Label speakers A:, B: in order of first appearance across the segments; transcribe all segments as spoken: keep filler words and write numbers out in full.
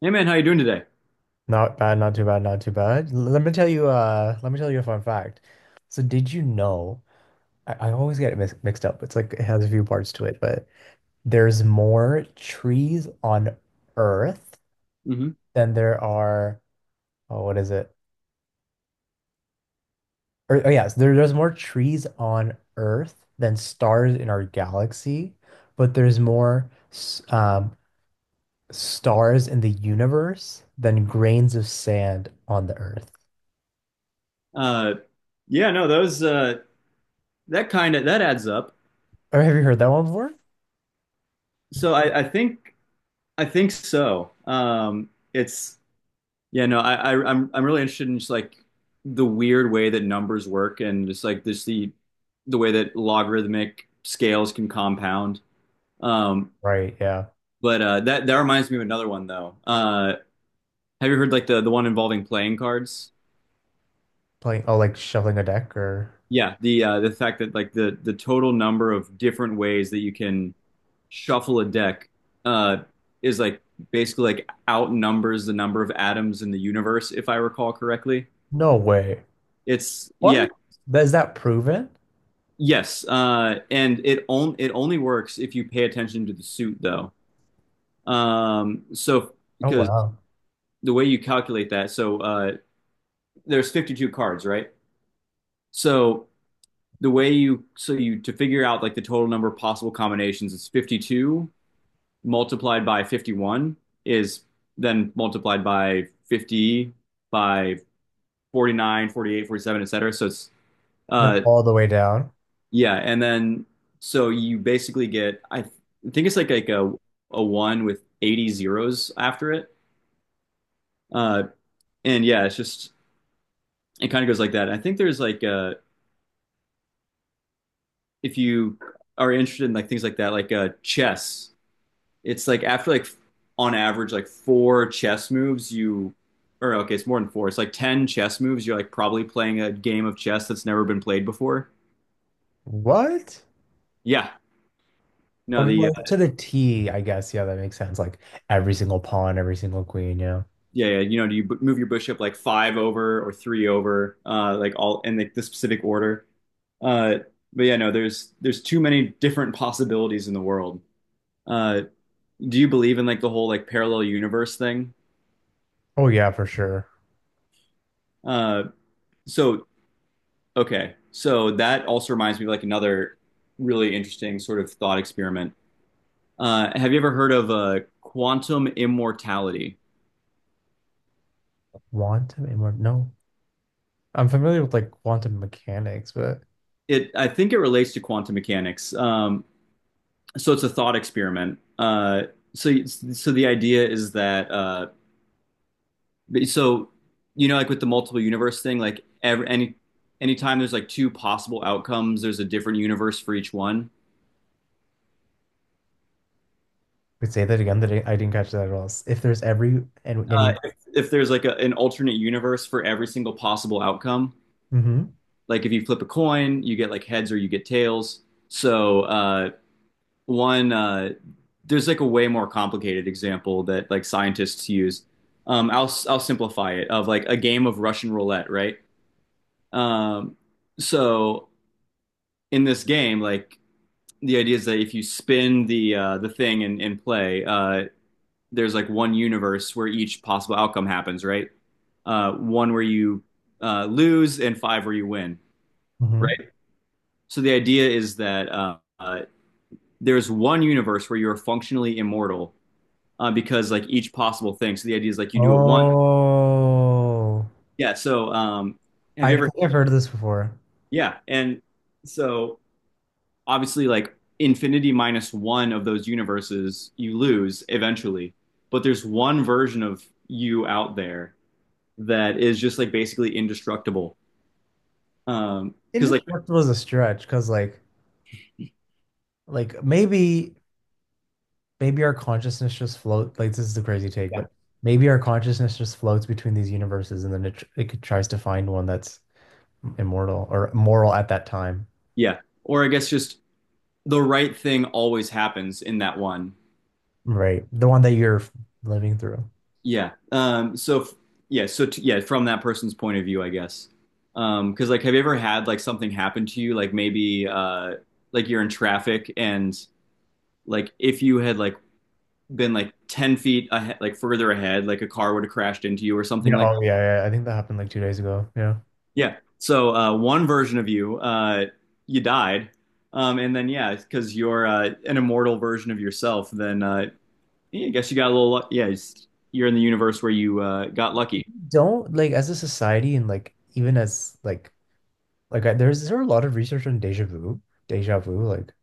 A: Hey man, how you doing today?
B: Not bad, not too bad, not too bad. L- Let me tell you, uh, let me tell you a fun fact. So did you know, I, I always get it mix, mixed up. It's like it has a few parts to it, but there's more trees on Earth
A: Hmm.
B: than there are, oh, what is it? Or, oh yes, there, there's more trees on Earth than stars in our galaxy, but there's more s- um, stars in the universe than grains of sand on the Earth.
A: Uh, yeah, no, those, uh, that kind of that adds up.
B: Oh, have you heard that one before?
A: So I, I think I think so. Um, it's Yeah, no, I, I I'm I'm really interested in just like the weird way that numbers work and just like this the the way that logarithmic scales can compound. Um,
B: Right, yeah.
A: but uh, that that reminds me of another one though. Uh, have you heard like the the one involving playing cards?
B: Playing, oh, like shuffling a deck, or
A: Yeah, the uh, the fact that like the the total number of different ways that you can shuffle a deck uh, is like basically like outnumbers the number of atoms in the universe, if I recall correctly.
B: no way.
A: It's Yeah,
B: What? Is that proven?
A: yes, uh, and it on, it only works if you pay attention to the suit though. Um, so,
B: Oh,
A: because
B: wow.
A: the way you calculate that, so uh, there's fifty-two cards, right? So the way you so you to figure out like the total number of possible combinations is fifty-two multiplied by fifty-one, is then multiplied by fifty, by forty nine, forty eight, forty seven, forty-eight, forty-seven, etc. So it's
B: Like
A: uh
B: all the way down.
A: yeah, and then so you basically get i th- think it's like like a a one with eighty zeros after it. uh and yeah, it's just it kind of goes like that. I think there's like uh if you are interested in like things like that like uh chess. It's like after like on average like four chess moves you, or okay, it's more than four. It's like ten chess moves. You're like probably playing a game of chess that's never been played before.
B: What?
A: Yeah. No,
B: Okay,
A: the
B: well,
A: uh,
B: to the T, I guess. Yeah, that makes sense. Like every single pawn, every single queen, yeah.
A: yeah, yeah, you know, do you b- move your bishop like five over or three over, uh, like all in like the specific order. Uh, but yeah, no, there's there's too many different possibilities in the world. Uh, do you believe in like the whole like parallel universe thing?
B: Oh yeah, for sure.
A: Uh, so Okay. So that also reminds me of like another really interesting sort of thought experiment. Uh, have you ever heard of uh, quantum immortality?
B: Quantum immort No. I'm familiar with like quantum mechanics, but
A: It, I think it relates to quantum mechanics. Um, so it's a thought experiment. Uh, so, so the idea is that, uh, so, you know, like with the multiple universe thing, like every, any, anytime there's like two possible outcomes, there's a different universe for each one.
B: could say that again, that I I didn't catch that at all. If there's every and
A: Uh,
B: any.
A: if, if there's like a, an alternate universe for every single possible outcome,
B: Mm hmm
A: like if you flip a coin, you get like heads or you get tails. So uh, one uh, there's like a way more complicated example that like scientists use. Um, I'll I'll simplify it of like a game of Russian roulette, right? Um, so in this game, like the idea is that if you spin the uh, the thing and, and play, uh, there's like one universe where each possible outcome happens, right? Uh, one where you uh, lose and five where you win,
B: mm hmm
A: right? So the idea is that uh, uh, there's one universe where you're functionally immortal uh, because like each possible thing. So the idea is like you do it one.
B: Oh,
A: Yeah. So um, have
B: I
A: you ever?
B: think I've heard of this before.
A: Yeah. And so obviously like infinity minus one of those universes you lose eventually, but there's one version of you out there that is just like basically indestructible. Um, because like
B: Indestructible is a stretch because, like, like maybe maybe our consciousness just float, like this is a crazy take,
A: Yeah,
B: but maybe our consciousness just floats between these universes, and then it, it tries to find one that's immortal or moral at that time.
A: yeah. Or I guess just the right thing always happens in that one.
B: Right, the one that you're living through.
A: Yeah. Um, so f- yeah. So t- yeah, from that person's point of view, I guess. Um, 'cause like, have you ever had like something happen to you? Like maybe uh, like you're in traffic and like if you had like been like ten feet ahead, like further ahead, like a car would have crashed into you or
B: Yeah.
A: something like
B: Oh
A: that.
B: yeah, yeah, I think that happened like two days ago. Yeah.
A: Yeah. So uh, one version of you, uh, you died. Um, and then yeah, because you're uh, an immortal version of yourself, then uh, yeah, I guess you got a little luck. Yeah, it's- you're in the universe where you uh, got lucky.
B: Don't like, as a society, and like even as like like I, there's there a lot of research on deja vu deja vu, like,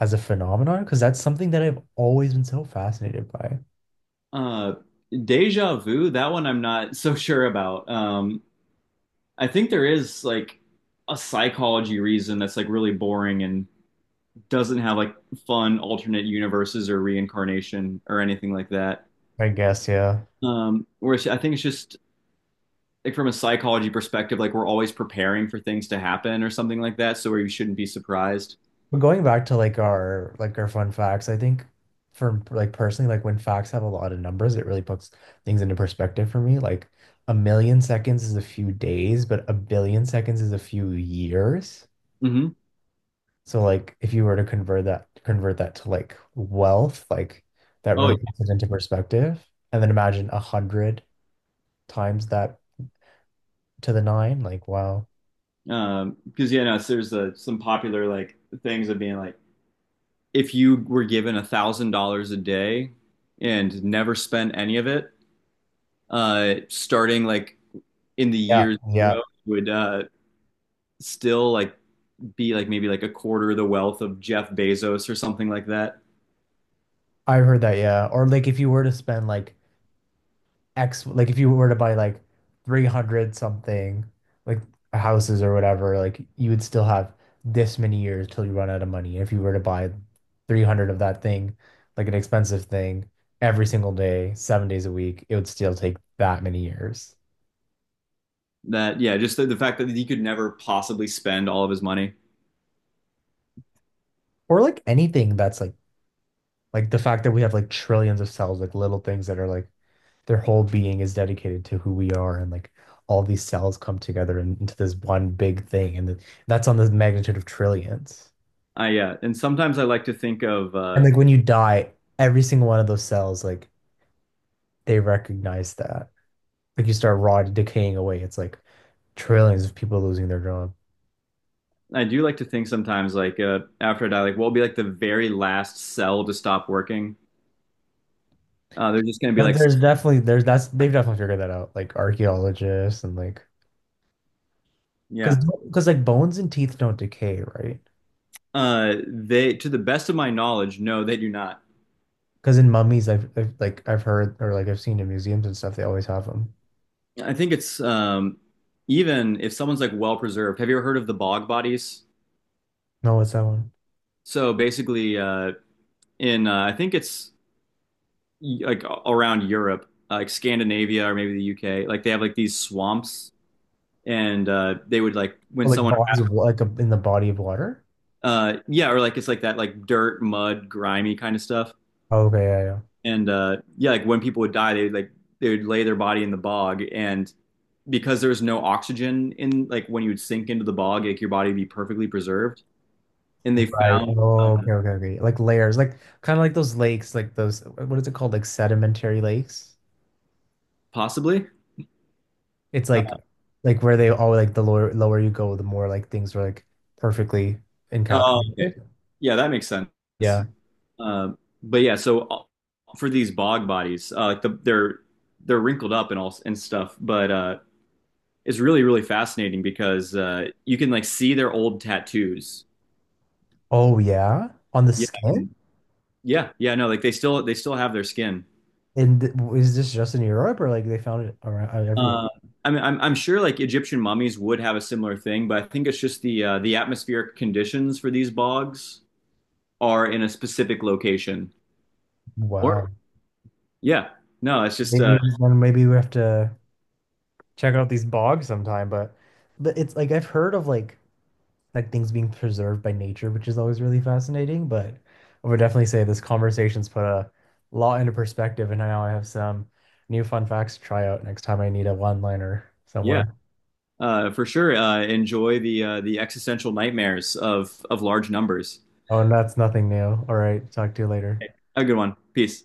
B: as a phenomenon, because that's something that I've always been so fascinated by.
A: Uh, Deja Vu, that one I'm not so sure about. Um, I think there is like a psychology reason that's like really boring and doesn't have like fun alternate universes or reincarnation or anything like that.
B: I guess. Yeah.
A: Um, whereas I think it's just like from a psychology perspective, like we're always preparing for things to happen or something like that, so where you shouldn't be surprised.
B: But going back to like our like our fun facts, I think, for like personally, like when facts have a lot of numbers, it really puts things into perspective for me. Like a million seconds is a few days, but a billion seconds is a few years.
A: Hmm.
B: So like if you were to convert that convert that to like wealth, like that
A: Oh,
B: really
A: yeah.
B: puts it into perspective. And then imagine a hundred times that, to the nine, like wow.
A: Um, because yeah, no, so there's uh, some popular like things of being like. If you were given a thousand dollars a day and never spent any of it, uh, starting like in the
B: Yeah,
A: year
B: yeah.
A: zero would uh, still like be like maybe like a quarter of the wealth of Jeff Bezos or something like that.
B: I've heard that, yeah. Or like if you were to spend like X, like if you were to buy like three hundred something, like houses or whatever, like you would still have this many years till you run out of money. If you were to buy three hundred of that thing, like an expensive thing, every single day, seven days a week, it would still take that many years.
A: That yeah, just the, the fact that he could never possibly spend all of his money.
B: Or like anything that's like, like the fact that we have like trillions of cells, like little things that are like their whole being is dedicated to who we are, and like all these cells come together in- into this one big thing. And th- that's on the magnitude of trillions.
A: I Yeah, uh, and sometimes I like to think of.
B: And
A: Uh,
B: like when you die, every single one of those cells, like they recognize that. Like you start rotting, decaying away. It's like trillions of people losing their job.
A: I do like to think sometimes like uh, after I die, like what will be like the very last cell to stop working. Uh, they're just gonna be
B: But
A: like,
B: There's definitely there's that's they've definitely figured that out. Like archaeologists, and like
A: yeah.
B: because because like bones and teeth don't decay, right?
A: Uh, they, to the best of my knowledge, no, they do not.
B: Because in mummies, I've, I've like I've heard, or like I've seen in museums and stuff, they always have them.
A: I think it's um, even if someone's like well preserved. Have you ever heard of the bog bodies?
B: No, what's that one?
A: So basically, uh, in uh, I think it's like around Europe, uh, like Scandinavia or maybe the U K, like they have like these swamps, and uh, they would like when
B: Oh, like
A: someone,
B: bodies of wa- like a, in the body of water.
A: uh, yeah, or like it's like that like dirt, mud, grimy kind of stuff,
B: Oh, okay, yeah, yeah.
A: and uh, yeah, like when people would die, they would like they would lay their body in the bog, and because there's no oxygen in like when you would sink into the bog, like your body would be perfectly preserved. And they
B: Right.
A: found, um,
B: Oh, okay, okay, okay. Like layers, like kind of like those lakes, like those, what is it called? Like sedimentary lakes.
A: possibly.
B: It's
A: Uh,
B: like, like where they all like the lower lower you go, the more like things are like perfectly
A: oh, okay.
B: encapsulated.
A: Yeah, that makes sense.
B: Yeah.
A: Um, but yeah, so uh, for these bog bodies, uh, like the, they're they're wrinkled up and all and stuff, but uh, it's really really fascinating because uh, you can like see their old tattoos.
B: Oh yeah, on the
A: Yeah,
B: skin.
A: and- yeah, yeah. No, like they still they still have their skin.
B: And th- is this just in Europe, or like they found it around everywhere?
A: Uh, I mean, I'm, I'm sure like Egyptian mummies would have a similar thing, but I think it's just the uh, the atmospheric conditions for these bogs are in a specific location. Or
B: Wow.
A: yeah, no, it's just
B: Maybe
A: uh,
B: then, maybe we have to check out these bogs sometime, but but it's like I've heard of like like things being preserved by nature, which is always really fascinating. But I would definitely say this conversation's put a lot into perspective, and now I have some new fun facts to try out next time I need a one-liner
A: yeah,
B: somewhere.
A: uh, for sure. Uh, enjoy the uh, the existential nightmares of of large numbers.
B: Oh, and that's nothing new. All right, talk to you later.
A: Okay. Have a good one. Peace.